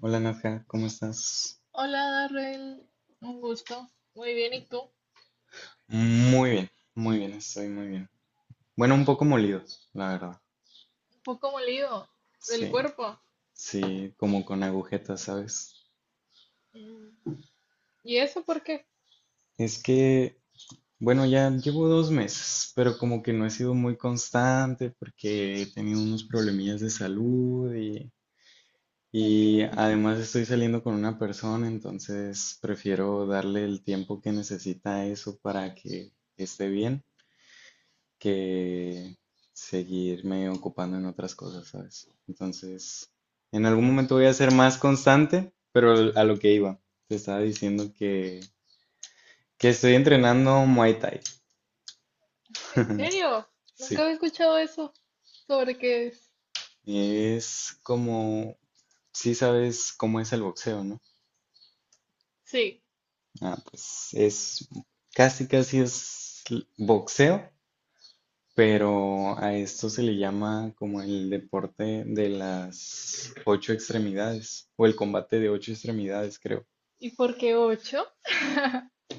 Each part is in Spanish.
Hola Nadja, ¿cómo estás? Hola, Darrell. Un gusto. Muy bien, ¿y tú? Muy bien, muy bien, estoy muy bien. Bueno, un poco molidos, la verdad. Un poco molido del Sí, cuerpo. sí, como con agujetas, ¿sabes? Mm, ¿Y eso por qué? Es que, bueno, ya llevo 2 meses, pero como que no he sido muy constante porque he tenido unos problemillas de salud y, Ok. y además estoy saliendo con una persona, entonces prefiero darle el tiempo que necesita a eso para que esté bien. Que seguirme ocupando en otras cosas, ¿sabes? Entonces, en algún momento voy a ser más constante, pero a lo que iba, te estaba diciendo que estoy entrenando Muay Thai. ¿En serio? Nunca Sí, había escuchado eso. ¿Sobre qué es? es como, sí sabes cómo es el boxeo, ¿no? Sí. Ah, pues es, casi casi es boxeo, pero a esto se le llama como el deporte de las ocho extremidades o el combate de ocho extremidades, creo. ¿Y por qué ocho?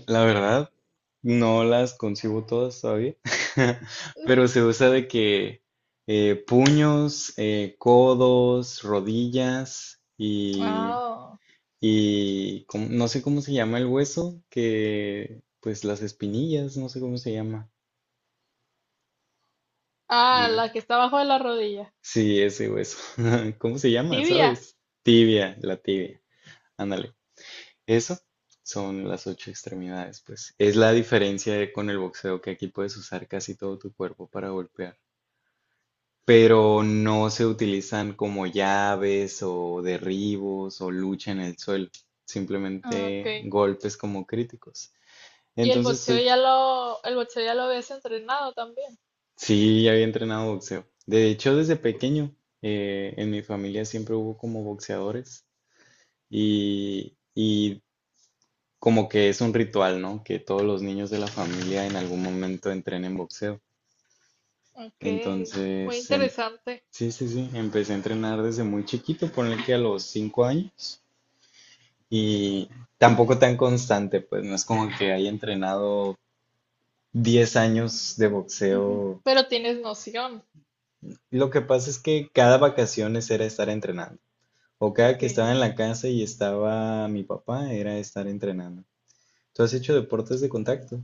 La verdad, no las concibo todas todavía, pero se usa de que puños, codos, rodillas Ah, y no sé cómo se llama el hueso, que pues las espinillas, no sé cómo se llama. ah, eh, la que está abajo de la rodilla. Sí, ese hueso. ¿Cómo se llama? Tibia. ¿Sabes? Tibia, la tibia. Ándale. Eso son las ocho extremidades, pues. Es la diferencia con el boxeo, que aquí puedes usar casi todo tu cuerpo para golpear. Pero no se utilizan como llaves o derribos o lucha en el suelo. Ah, ok. Simplemente golpes como críticos. Y el Entonces, boxeo estoy... ya lo, el boxeo ya lo habías entrenado también. Sí, ya había entrenado boxeo. De hecho, desde pequeño, en mi familia siempre hubo como boxeadores. Y como que es un ritual, ¿no? Que todos los niños de la familia en algún momento entrenen boxeo. Ok. Muy Entonces, interesante. sí, sí, sí, empecé a entrenar desde muy chiquito, ponle que a los 5 años. Y tampoco tan constante, pues no es como que haya entrenado 10 años de Ujú. boxeo. Pero tienes noción. Lo que pasa es que cada vacaciones era estar entrenando. O cada Ok. que estaba en la casa y estaba mi papá, era estar entrenando. ¿Tú has hecho deportes de contacto?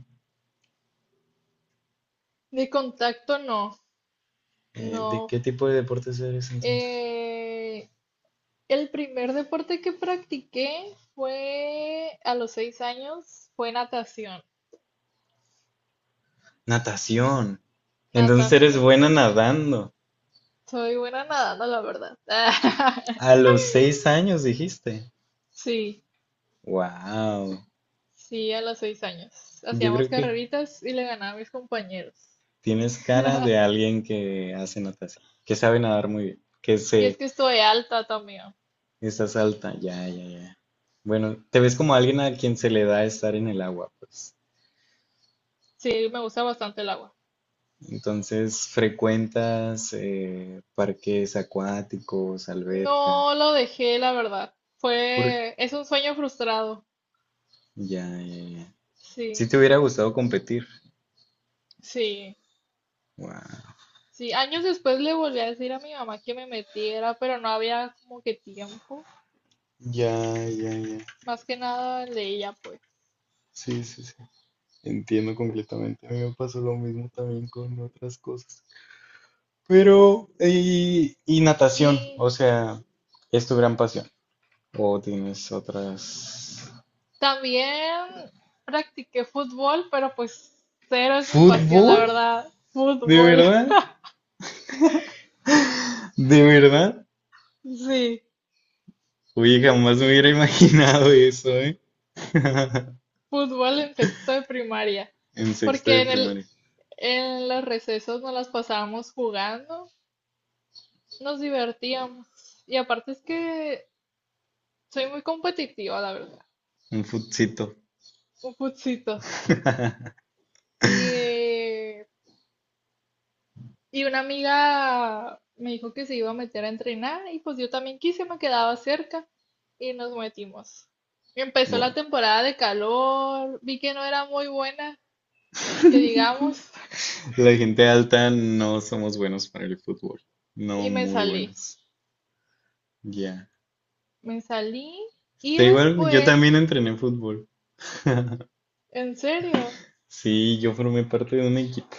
De contacto no. ¿De No, qué tipo de deportes eres entonces? eh, el primer deporte que practiqué fue a los 6 años, fue natación, Natación. Entonces eres natación. buena nadando. Soy buena nadando, la verdad. A los 6 años dijiste. Sí, Wow. sí, a los 6 años. Yo Hacíamos creo que carreritas y le ganaba a mis compañeros. tienes cara de alguien que hace natación, que sabe nadar muy bien, que Y es se que estoy alta también. estás alta. Ya, ya, ya. Bueno, te ves como alguien a quien se le da estar en el agua, pues. Sí, me gusta bastante el agua. Entonces frecuentas parques acuáticos, albercas. No lo dejé, la verdad. Por- Fue, es un sueño frustrado. Ya, ya, ya. Si Sí, te hubiera gustado competir. sí. Guau. Sí, años después le volví a decir a mi mamá que me metiera, pero no había como que tiempo. Ya, ya, ya. Más que nada el de ella pues. Sí, sí, sí. Entiendo completamente. A mí me pasó lo mismo también con otras cosas. Pero, y natación, o Y sea, es tu gran pasión. ¿O tienes otras? también practiqué fútbol, pero pues cero es mi pasión, la ¿Fútbol? verdad. ¿De Fútbol, verdad? ¿De verdad? sí, Oye, jamás me hubiera imaginado eso, ¿eh? fútbol en sexto de primaria. En sexto de Porque primaria. en los recesos nos las pasábamos jugando, nos divertíamos. Y aparte es que soy muy competitiva, la verdad. Un futcito. Un putzito. Y Y una amiga me dijo que se iba a meter a entrenar y pues yo también quise, me quedaba cerca y nos metimos. Y empezó Buah. la temporada de calor, vi que no era muy buena, que digamos, La gente alta no somos buenos para el fútbol. y No me muy salí. buenos. Ya. Me salí y Te digo algo, yo también después, entrené fútbol. en serio, Sí, yo formé parte de un equipo,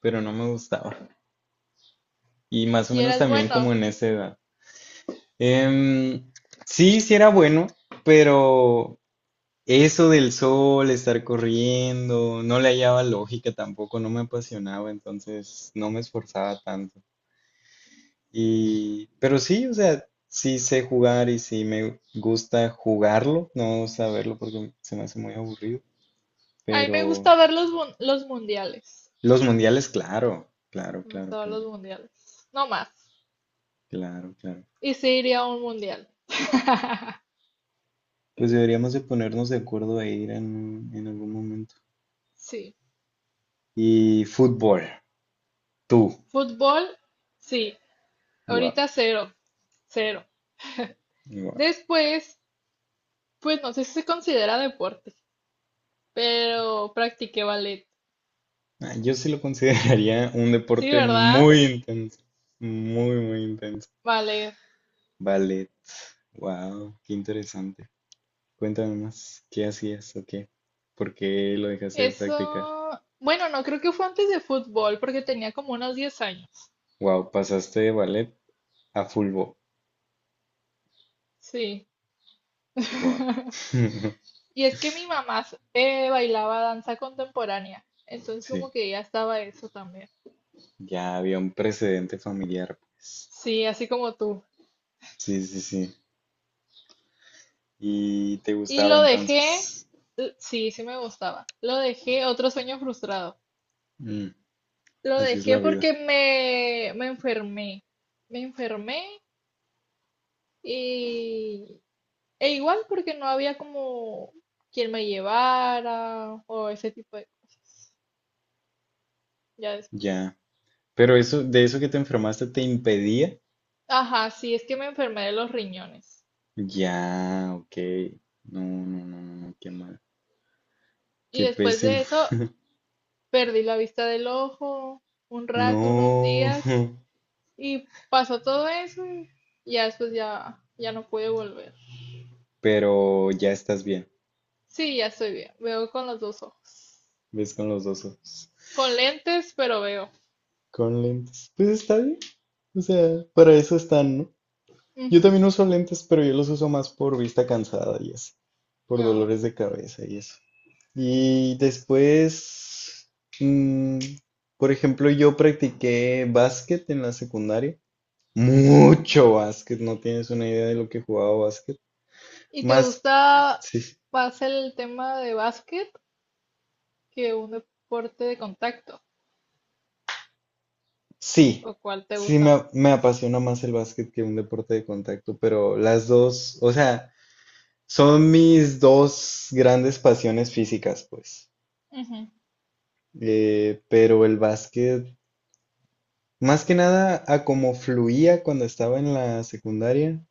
pero no me gustaba. Y más o y menos eras también como bueno. en esa edad. Em, sí, sí era bueno, pero eso del sol, estar corriendo, no le hallaba lógica tampoco, no me apasionaba, entonces no me esforzaba tanto. Y, pero sí, o sea, sí sé jugar y sí me gusta jugarlo, no saberlo porque se me hace muy aburrido. A mí me Pero gusta ver los mundiales. los mundiales, claro, claro, Me claro, gusta ver claro, los mundiales. No más. claro, claro. Y sí iría a un mundial. Pues deberíamos de ponernos de acuerdo a ir en algún momento. Sí. Y fútbol, tú, Fútbol, sí. guau, Ahorita cero, cero. guau. Después, pues no sé si se considera deporte, pero practiqué ballet. Ah, yo sí lo consideraría un Sí, deporte ¿verdad? muy intenso, muy, muy intenso. Ballet. Ballet, wow, qué interesante. Cuéntame más, ¿qué hacías o qué? ¿Por qué lo dejaste de practicar? Eso, bueno, no creo que fue antes de fútbol, porque tenía como unos 10 años. Wow, pasaste de ballet a fulbo. Sí. Wow. Y es que mi mamá bailaba danza contemporánea, entonces Sí, como que ya estaba eso también. ya había un precedente familiar, pues. Sí, así como tú. Sí, sí, sí. ¿Y te Y gustaba lo dejé, entonces? Sí, sí me gustaba. Lo dejé, otro sueño frustrado. Mm, Lo así es dejé la vida. porque me enfermé. Me enfermé y e igual porque no había como quien me llevara o ese tipo de cosas. Ya después. Ya. Pero eso, de eso que te enfermaste te impedía. Ajá, sí, es que me enfermé de los riñones. Ya, ok. No, no, no, no, no, qué mal. Y Qué después pésimo. de eso perdí la vista del ojo un rato, unos No. días y pasó todo eso y ya después ya no pude volver. Pero ya estás bien. Sí, ya estoy bien. Veo con los dos ojos. Ves con los dos ojos. Con lentes, pero veo. Con lentes. Pues está bien. O sea, para eso están, ¿no? Yo Ujú. también uso lentes, pero yo los uso más por vista cansada y así, por Ah, ok. dolores de cabeza y eso. Y después, mm, por ejemplo, yo practiqué básquet en la secundaria. Ujú. Mucho básquet, no tienes una idea de lo que jugaba básquet. ¿Y te Más, gusta sí, más el tema de básquet que un deporte de contacto? sí, ¿O cuál te sí gusta más? me apasiona más el básquet que un deporte de contacto, pero las dos, o sea, son mis dos grandes pasiones físicas, pues. Ujú. Pero el básquet, más que nada a como fluía cuando estaba en la secundaria,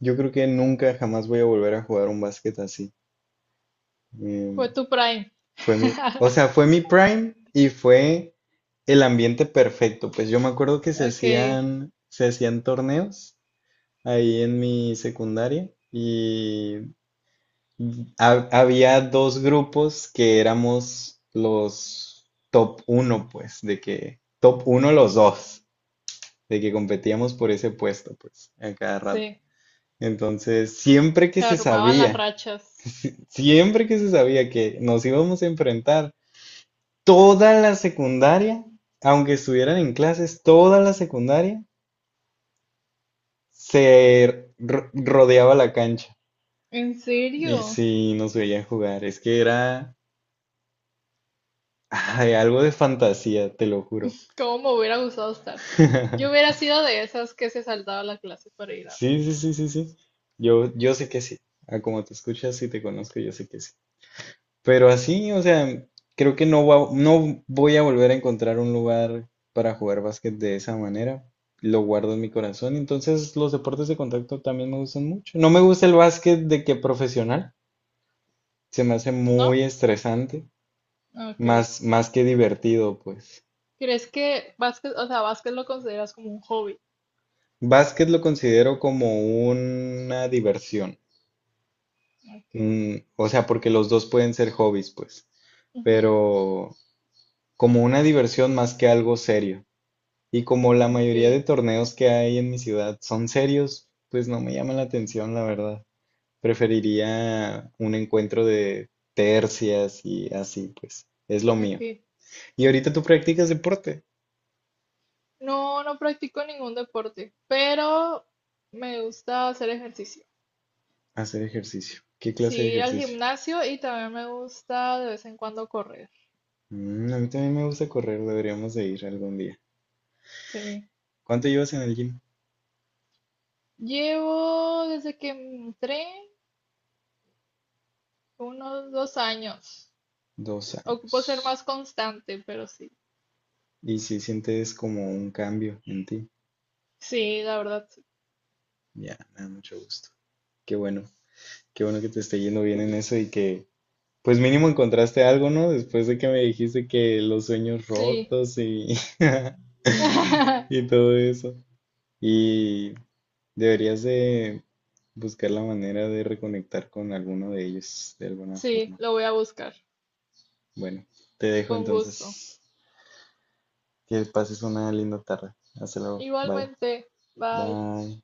yo creo que nunca jamás voy a volver a jugar un básquet así. Em, Fue tu prime. fue mi, o sea, fue mi prime y fue el ambiente perfecto. Pues yo me acuerdo que se Ok, hacían, se hacían torneos ahí en mi secundaria y había dos grupos que éramos los top uno, pues, de que top uno los dos, de que competíamos por ese puesto, pues, a cada rato. sí. Entonces, siempre que Se se armaban las sabía, rachas. siempre que se sabía que nos íbamos a enfrentar, toda la secundaria, aunque estuvieran en clases, toda la secundaria se rodeaba la cancha. ¿En serio? Y sí, nos veían jugar. Es que era ay, algo de fantasía, te lo juro. ¿Cómo me hubiera gustado estar? Yo hubiera sido de esas que se saltaba la clase para ir a... Sí, sí, sí, sí, sí. Yo sé que sí. A como te escuchas y te conozco, yo sé que sí. Pero así, o sea, creo que no no voy a volver a encontrar un lugar para jugar básquet de esa manera. Lo guardo en mi corazón. Entonces, los deportes de contacto también me gustan mucho. No me gusta el básquet de que profesional. Se me hace muy ¿No? estresante, Ok. más, más que divertido, pues. ¿Crees que básquet, o sea, básquet lo consideras como un hobby? Básquet lo considero como una diversión. Ok. O sea, porque los dos pueden ser hobbies, pues, Ujú. pero como una diversión más que algo serio. Y como la mayoría de Ok. torneos que hay en mi ciudad son serios, pues no me llama la atención, la verdad. Preferiría un encuentro de tercias y así, pues, es lo mío. Ok. ¿Y ahorita tú practicas deporte? No, no practico ningún deporte, pero me gusta hacer ejercicio. Hacer ejercicio. ¿Qué Sí, clase de ir al ejercicio? gimnasio y también me gusta de vez en cuando correr. Mm, a mí también me gusta correr, deberíamos de ir algún día. Sí. ¿Cuánto llevas en el gym? Llevo desde que entré unos 2 años. Dos Ocupo ser años. más constante, pero sí. Y si sientes como un cambio en ti, Sí, la verdad, sí. ya, me da mucho gusto. Qué bueno, qué bueno que te esté yendo bien en eso y que, pues mínimo encontraste algo, ¿no? Después de que me dijiste que los sueños Sí. rotos y, y todo eso. Y deberías de buscar la manera de reconectar con alguno de ellos de alguna Sí, forma. lo voy a buscar. Bueno, te dejo Con gusto. entonces. Que pases una linda tarde. Hasta luego. Bye. Igualmente. Bye. Bye.